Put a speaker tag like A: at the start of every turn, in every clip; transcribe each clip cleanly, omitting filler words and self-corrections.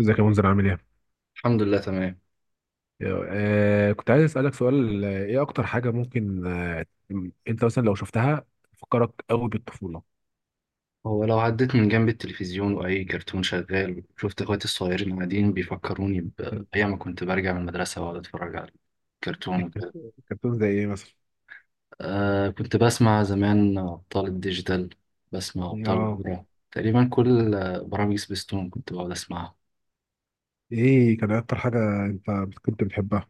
A: ازيك يا منذر، عامل ايه؟
B: الحمد لله تمام.
A: كنت عايز اسالك سؤال، ايه اكتر حاجه ممكن انت مثلا لو شفتها تفكرك قوي بالطفوله؟
B: هو لو عديت من جنب التلفزيون وأي كرتون شغال شفت إخواتي الصغيرين قاعدين بيفكروني
A: مم.
B: بأيام ما كنت برجع من المدرسة وأقعد أتفرج على كرتون وكده.
A: الكرتون زي ايه مثلا؟
B: آه، كنت بسمع زمان أبطال الديجيتال. بسمع أبطال
A: اه،
B: الكرة. تقريبا كل برامج سبيستون كنت بقعد أسمعها.
A: ايه كان اكتر حاجة انت كنت بتحبها؟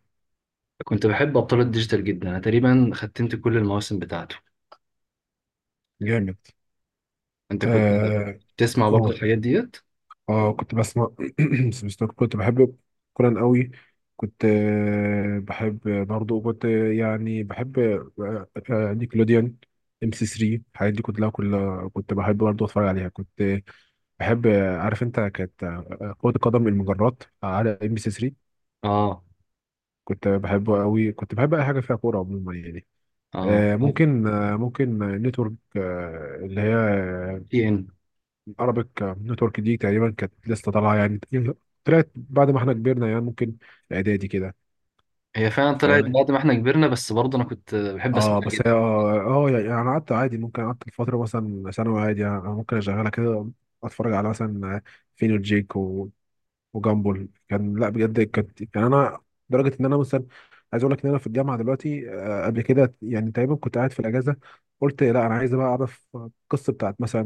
B: كنت بحب أبطال الديجيتال جدا، أنا تقريبا ختمت كل المواسم بتاعته.
A: جامد.
B: أنت كنت
A: آه
B: تسمع برضه
A: قول.
B: الحاجات ديت؟
A: اه، كنت بسمع. سبيستون كنت بحب كوران قوي. كنت بحب، برضو كنت يعني بحب، نيكلوديان، ام سي 3، الحاجات دي كلها كنت بحب برضو اتفرج عليها. كنت بحب، عارف انت، كانت كرة القدم المجرات على ام سي 3،
B: آه،
A: كنت بحبه قوي. كنت بحب اي حاجة فيها كورة عموما يعني.
B: آه،
A: ممكن نتورك، اللي هي
B: TN.
A: عربيك نتورك، دي تقريبا كانت لسه طالعه يعني، طلعت بعد ما احنا كبرنا، يعني ممكن اعدادي كده.
B: هي فعلا طلعت
A: فاهم؟
B: بعد ما احنا كبرنا، بس برضه أنا كنت بحب أسمعها.
A: اه، بس هي اه، اه يعني انا قعدت عادي، ممكن قعدت فتره مثلا ثانوي عادي، يعني انا ممكن اشغلها كده، اتفرج على مثلا فين وجيك و- وجامبل، كان لا بجد كانت يعني انا لدرجه ان انا مثلا عايز اقول لك ان انا في الجامعه دلوقتي، قبل كده يعني، تقريبا كنت قاعد في الاجازه، قلت لا انا عايز بقى اعرف القصه بتاعت مثلا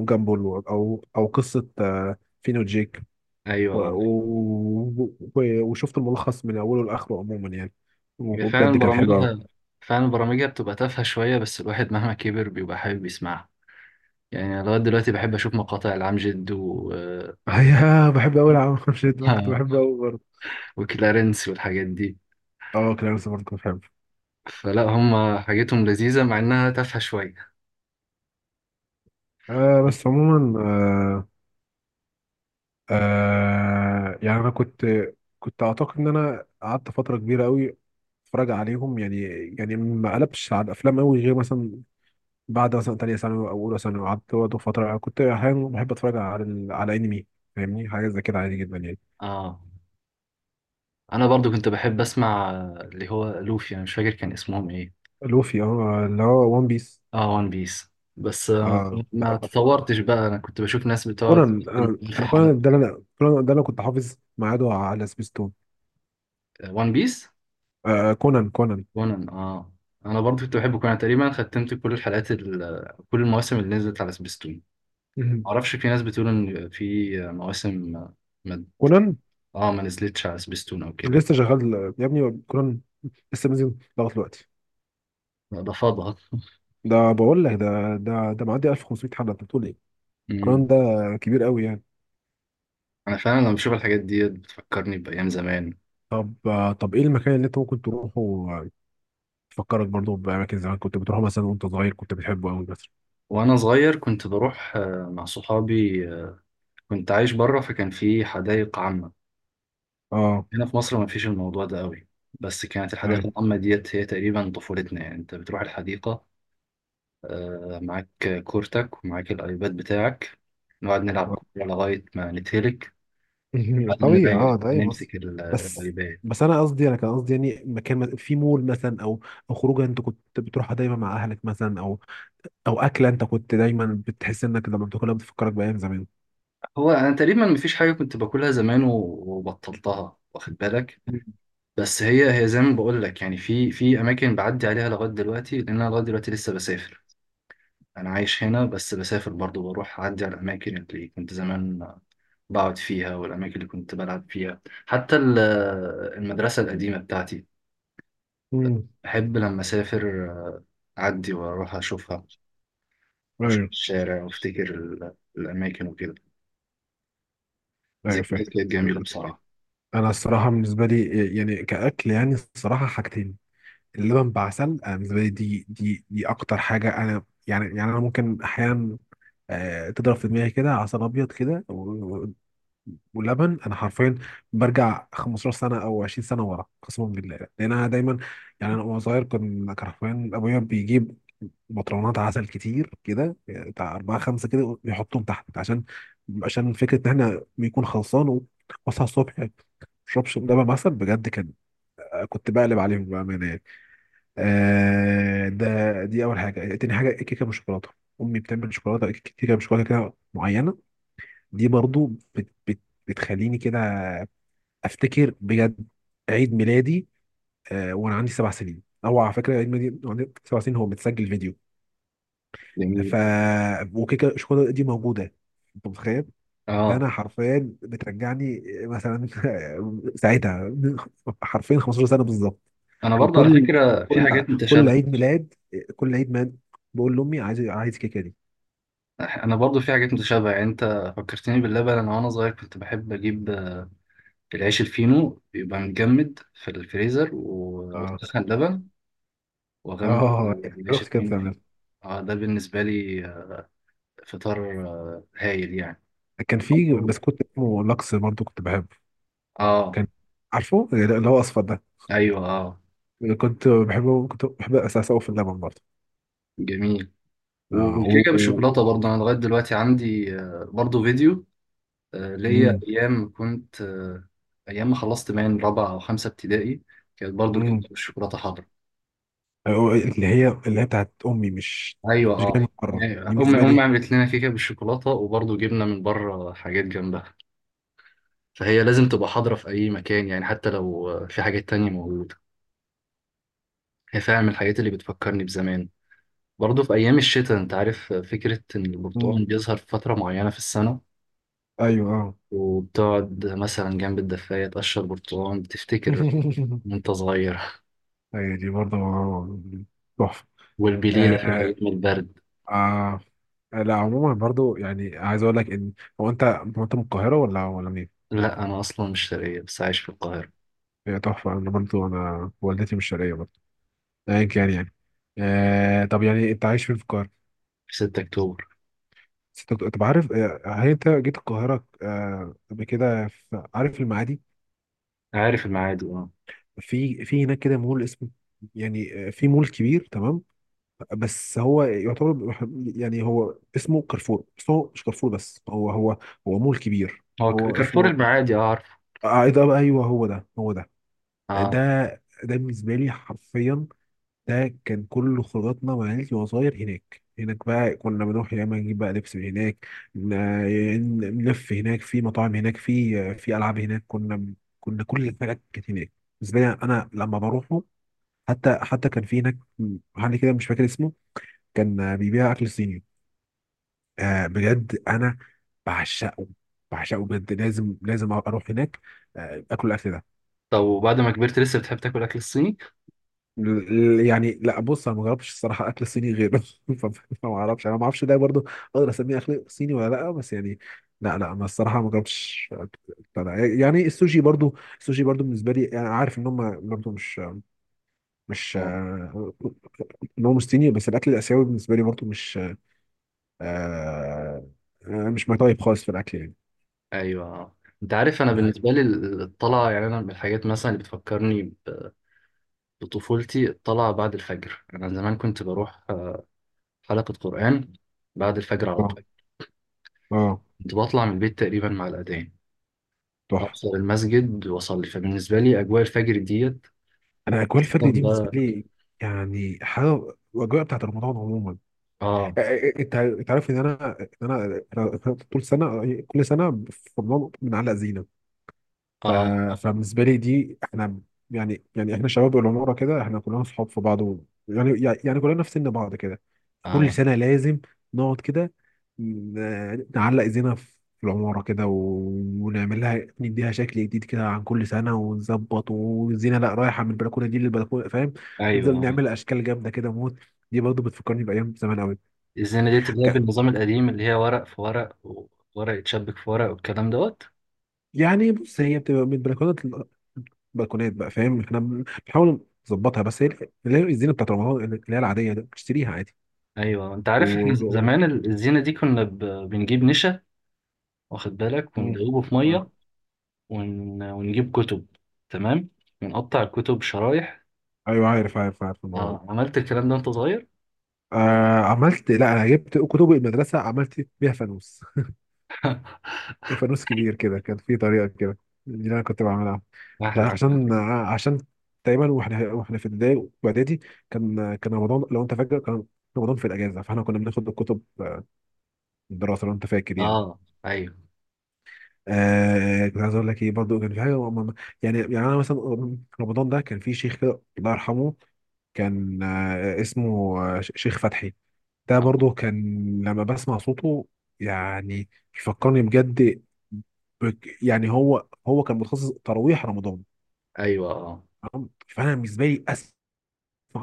A: جامبل، او قصه فين وجيك،
B: ايوه، اه.
A: وشفت الملخص من اوله لاخره عموما يعني،
B: هي
A: وبجد
B: فعلا
A: كان حلو قوي.
B: برامجها فعلا برامجها بتبقى تافهه شويه، بس الواحد مهما كبر بيبقى حابب يسمعها. يعني أنا لغايه دلوقتي بحب اشوف مقاطع العمجد و
A: ايوه، بحب قوي العالم خمسة ده، كنت بحبه قوي برضه.
B: وكلارنس والحاجات دي.
A: اه، كلارنس برضه كنت بحبه.
B: فلا هم حاجتهم لذيذه مع انها تافهه شويه.
A: بس عموما، يعني انا كنت، كنت اعتقد ان انا قعدت فتره كبيره قوي اتفرج عليهم يعني. يعني ما قلبش على الافلام قوي، غير مثلا بعد مثلا تانية ثانوي او اولى ثانوي، قعدت برضه فتره كنت احيانا بحب اتفرج على على انمي، فاهمني، حاجه زي كده عادي جدا يعني.
B: اه، انا برضو كنت بحب اسمع، اللي هو لوفي، انا مش فاكر كان اسمهم ايه.
A: لوفي، اه، اللي هو وان بيس.
B: اه، وان بيس. بس
A: اه،
B: ما
A: أعرف، آه.
B: تطورتش بقى. انا كنت بشوف ناس بتقعد
A: كونان،
B: في
A: انا
B: حلقه
A: كونان ده، انا كونان ده، انا كنت حافظ ميعاده على سبيستون.
B: وان بيس.
A: كونان، كونان.
B: كونان، اه. انا برضو كنت بحب كونان، تقريبا ختمت كل الحلقات كل المواسم اللي نزلت على سبيستون.
A: مهم.
B: معرفش، في ناس بتقول ان في مواسم ما...
A: كونان
B: اه، ما نزلتش على سبيستون او كده.
A: لسه شغال يا ابني، كونان لسه نازل لغايه دلوقتي.
B: لا، ده فاضها.
A: ده بقول لك ده، ده معدي 1500 حلقه، انت بتقول ايه؟ كونان
B: امم
A: ده كبير قوي يعني.
B: انا فعلا لما بشوف الحاجات دي بتفكرني بايام زمان.
A: طب، طب ايه المكان اللي انت ممكن تروحه، تفكرك برضه باماكن زمان كنت بتروحه مثلا وانت صغير كنت بتحبه قوي مثلا؟
B: وانا صغير كنت بروح مع صحابي، كنت عايش بره فكان في حدائق عامة.
A: اه.
B: هنا في مصر ما فيش الموضوع ده قوي، بس كانت
A: ايوه،
B: الحديقة العامة ديت هي تقريبا طفولتنا. يعني انت بتروح الحديقة معاك كورتك ومعاك الايباد بتاعك، نقعد نلعب كورة لغاية ما نتهلك، بعدين
A: طبيعي،
B: نرجع
A: اه ده اي مصر.
B: نمسك
A: بس
B: الايباد.
A: بس انا قصدي، انا كان قصدي يعني مكان في مول مثلا، او او خروجه انت كنت بتروحها دايما مع اهلك مثلا، او او اكله انت كنت دايما بتحس انك لما بتاكلها بتفكرك بايام زمان.
B: هو انا تقريبا مفيش حاجة كنت باكلها زمان وبطلتها، واخد بالك. بس هي زي ما بقول لك، يعني في اماكن بعدي عليها لغاية دلوقتي، لان انا لغاية دلوقتي لسه بسافر. انا عايش هنا، بس بسافر برضو، بروح اعدي على الاماكن اللي كنت زمان بقعد فيها والاماكن اللي كنت بلعب فيها، حتى المدرسة القديمة بتاعتي.
A: امم
B: بحب لما أسافر أعدي وأروح أشوفها، وأشوف
A: ايوه،
B: الشارع وأفتكر الأماكن وكده.
A: ايوه، فاهم.
B: ذكريات كانت جميلة بصراحة.
A: انا الصراحه بالنسبه لي يعني كاكل، يعني الصراحه حاجتين. اللبن بعسل، انا بالنسبه لي دي، دي اكتر حاجه، انا يعني انا ممكن احيانا تضرب في دماغي كده عسل ابيض كده ولبن، انا حرفيا برجع 15 سنه او 20 سنه ورا قسما بالله، لان انا دايما، يعني انا وانا صغير كنت، حرفيا ابويا بيجيب بطرونات عسل كتير كده، يعني بتاع اربعه خمسه كده، ويحطهم تحت، عشان فكره ان احنا بيكون خلصان. واصحى الصبح ما اشربش لبن عسل، بجد كان، كنت بقلب عليهم بامانه يعني. آه، دي اول حاجه. تاني حاجه الكيكه بالشوكولاته. امي بتعمل كيكه بالشوكولاته كده معينه، دي برضو بت بت بتخليني كده افتكر بجد عيد ميلادي، وانا عندي 7 سنين، او على فكره عيد ميلادي وأنا عندي 7 سنين هو متسجل فيديو،
B: جميل.
A: ف وكيكه الشوكولاته دي موجوده، انت متخيل؟
B: آه
A: فانا حرفيا بترجعني مثلا ساعتها، حرفيا 15 سنه بالظبط.
B: أنا برضه على
A: وكل
B: فكرة في
A: كل
B: حاجات
A: كل
B: متشابهة.
A: عيد ميلاد، كل عيد ميلاد بقول لامي عايز، الكيكه دي.
B: أنا برضه في حاجات متشابهة، يعني أنت فكرتني باللبن. أنا وأنا صغير كنت بحب أجيب العيش الفينو بيبقى متجمد في الفريزر،
A: اه،
B: وأسخن لبن وأغمس
A: اه،
B: العيش
A: اختي كانت
B: الفينو فيه.
A: بتعملها.
B: ده بالنسبة لي فطار هايل يعني.
A: كان في بسكوت اسمه لاكس برضه كنت بحبه،
B: آه،
A: كان، عارفه اللي هو اصفر ده؟
B: أيوه، آه.
A: كنت بحب اساس أوي في اللبن برضه،
B: جميل.
A: آه، و...
B: والكيكه
A: و-
B: بالشوكولاته برضه انا لغايه دلوقتي عندي برضه فيديو. ليا
A: مم.
B: ايام كنت ايام ما خلصت من رابعه او خمسه ابتدائي كانت برضه
A: مم.
B: الكيكه بالشوكولاته حاضره.
A: أو اللي هي، بتاعت امي، مش
B: ايوه،
A: مش جايه من
B: اه.
A: بره،
B: يعني
A: دي
B: امي
A: بالنسبه
B: امي
A: لي.
B: عملت لنا كيكه بالشوكولاته، وبرضه جبنا من بره حاجات جنبها. فهي لازم تبقى حاضره في اي مكان، يعني حتى لو في حاجات تانية موجوده. هي فعلا من الحاجات اللي بتفكرني بزمان. برضه في ايام الشتاء، انت عارف، فكره ان البرتقال
A: مم.
B: بيظهر في فتره معينه في السنه،
A: ايوه، اه،
B: وبتقعد مثلا جنب الدفاية تقشر برتقال، بتفتكر وأنت صغير.
A: ايوه، دي برضه تحفه.
B: والبليلة في
A: آه
B: الأيام البرد.
A: آه لا عموما برضه، يعني عايز اقول لك ان، هو انت، من القاهره ولا منين؟
B: لا، أنا أصلا مش شرقية بس عايش في القاهرة،
A: هي تحفه، انا برضه، انا والدتي مش شرقيه برضه، ايا كان يعني. آه طب يعني انت عايش فين في القاهره؟
B: في 6 أكتوبر.
A: بس انت طب عارف، هل انت جيت القاهره قبل كده؟ عارف المعادي؟
B: عارف المعادي، أه.
A: في هناك كده مول اسمه، يعني في مول كبير، تمام؟ بس هو يعتبر، يعني هو اسمه كارفور، بس هو مش كارفور، بس هو هو مول كبير،
B: هو
A: هو
B: كارفور
A: اسمه
B: المعادي، أه عارف.
A: ايه ده بقى، ايوه هو ده، هو ده، ده،
B: أه،
A: ده بالنسبه لي حرفيا ده كان كل خروجاتنا مع عيلتي وأنا صغير. هناك، هناك بقى كنا بنروح يا اما نجيب بقى لبس من هناك، ن- نلف هناك، في مطاعم هناك، في العاب هناك، كنا، كنا كل الحاجات كانت هناك، بالنسبه لي انا لما بروحه. حتى كان في هناك محل كده مش فاكر اسمه، كان بيبيع اكل صيني. آه بجد انا بعشقه، بعشقه بجد، لازم اروح هناك آه، اكل ده.
B: طب وبعد ما كبرت لسه بتحب تاكل أكل الصيني؟
A: ال- يعني لا، بص، انا ما جربتش الصراحه اكل صيني غيره، ف- فما اعرفش، انا ما اعرفش ده برضو اقدر اسميه اكل صيني ولا لا، بس يعني لا لا، ما الصراحه ما جربتش أكل، بتاع ده. يعني السوشي برضو، بالنسبه لي انا عارف ان هم برضو مش، مش
B: أه،
A: ان هو مش صيني، بس الاكل الاسيوي بالنسبه لي برضو مش آه، مش ماي تايب خالص في الاكل
B: أيوه آه. أنت عارف، أنا
A: يعني.
B: بالنسبة لي الطلعة، يعني أنا من الحاجات مثلا اللي بتفكرني بطفولتي الطلعة بعد الفجر. أنا زمان كنت بروح حلقة قرآن بعد الفجر على
A: اه،
B: طول.
A: اه،
B: كنت بطلع من البيت تقريبا مع الأذان،
A: تحفه.
B: ابصر المسجد واصلي. فبالنسبه لي اجواء الفجر ديت،
A: انا اجواء الفرد
B: خصوصاً
A: دي بالنسبه
B: بقى.
A: لي يعني حاجه، الاجواء بتاعت رمضان عموما.
B: اه،
A: انت، عارف ان انا، أنا طول سنه، كل سنه في رمضان بنعلق زينه. ف...
B: اه،
A: فبالنسبه لي دي، احنا يعني، احنا شباب العماره كده، احنا كلنا صحاب في بعض، و... يعني، كلنا في سن بعض كده، كل
B: اه.
A: سنه لازم نقعد كده، نعلق زينه في العماره كده، و... ونعمل لها، نديها شكل جديد كده عن كل سنه، ونظبط، والزينه لا رايحه من البلكونه دي للبلكونه، فاهم؟
B: ايوه،
A: نفضل
B: آه.
A: نعمل اشكال جامده كده موت، دي برضه بتفكرني بايام زمان قوي.
B: الزينه ديت اللي هي بالنظام القديم، اللي هي ورق في ورق، وورق يتشبك في ورق والكلام دوت.
A: يعني بص، هي بتبقى من بلكونات، بقى فاهم، احنا بنحاول نظبطها، بس هي اللي هي الزينه بتاعت رمضان اللي هي العاديه دي، بتشتريها عادي،
B: ايوه، انت
A: و...
B: عارف، احنا
A: و...
B: زمان الزينه دي كنا بنجيب نشا، واخد بالك،
A: مم.
B: وندوبه في ميه،
A: آه.
B: ونجيب كتب، تمام، ونقطع الكتب شرايح.
A: ايوه عارف، الموضوع
B: اه،
A: ده.
B: عملت الكلام ده وانت صغير.
A: آه، عملت، لا انا جبت كتب المدرسه عملت بيها فانوس، فانوس كبير كده كان في طريقه كده، دي اللي انا كنت بعملها،
B: احلى.
A: عشان، عشان تقريبا واحنا، في ابتدائي واعدادي كان، رمضان لو انت فاكر كان رمضان في الاجازه، فاحنا كنا بناخد الكتب الدراسه لو انت فاكر يعني.
B: اه، ايوه
A: آه كنت عايز اقول لك ايه، برضو كان في حاجه يعني، انا مثلا، رمضان ده كان في شيخ كده الله يرحمه، كان آه اسمه آه شيخ فتحي، ده برضو
B: آه.
A: كان لما بسمع صوته يعني، يفكرني بجد يعني هو، كان متخصص تراويح رمضان،
B: ايوه، اه.
A: تمام؟ فانا بالنسبه لي اسمع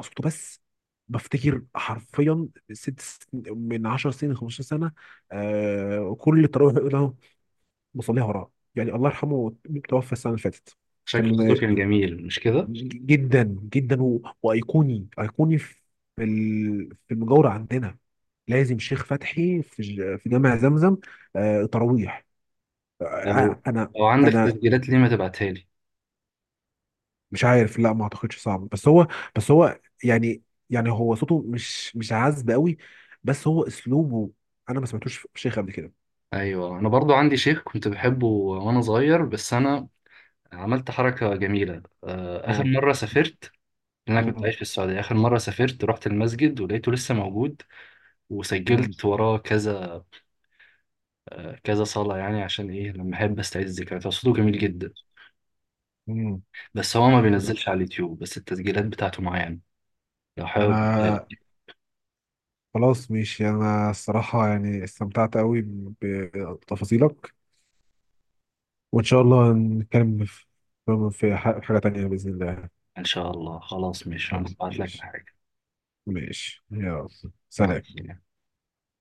A: صوته بس بفتكر حرفيا من 10 سنين، 15 سنه آه كل التراويح بصليها وراه يعني، الله يرحمه توفى السنه اللي فاتت.
B: شكل صوته
A: كان
B: كان جميل مش كده؟
A: جدا جدا، و... ايقوني في في المجاوره عندنا، لازم شيخ فتحي في في جامع زمزم، تراويح،
B: لو
A: انا،
B: لو عندك
A: انا
B: تسجيلات ليه ما تبعتها لي؟
A: مش عارف، لا ما اعتقدش، صعب، بس هو، يعني، يعني هو صوته مش، عذب قوي، بس هو اسلوبه، انا ما سمعتوش في شيخ قبل كده
B: ايوه، انا برضو عندي شيخ كنت بحبه وانا صغير، بس انا عملت حركه جميله. اخر
A: هو.
B: مره سافرت، لأن انا كنت
A: مم.
B: عايش في السعوديه، اخر مره سافرت رحت المسجد ولقيته لسه موجود،
A: مم.
B: وسجلت وراه كذا كذا صلاه. يعني عشان ايه؟ لما احب استعيد الذكريات، هو صوته جميل جدا.
A: مم.
B: بس هو ما بينزلش على اليوتيوب، بس التسجيلات بتاعته معايا يعني. لو حابب أديها
A: انا
B: لك.
A: خلاص ماشي، انا الصراحة يعني استمتعت قوي بتفاصيلك، وان شاء الله نتكلم في حاجة تانية بإذن الله.
B: ان شاء الله، خلاص ماشي، انا هبعت لك
A: ماشي،
B: الحاجه.
A: ماشي، يلا،
B: مع
A: سلام.
B: السلامة.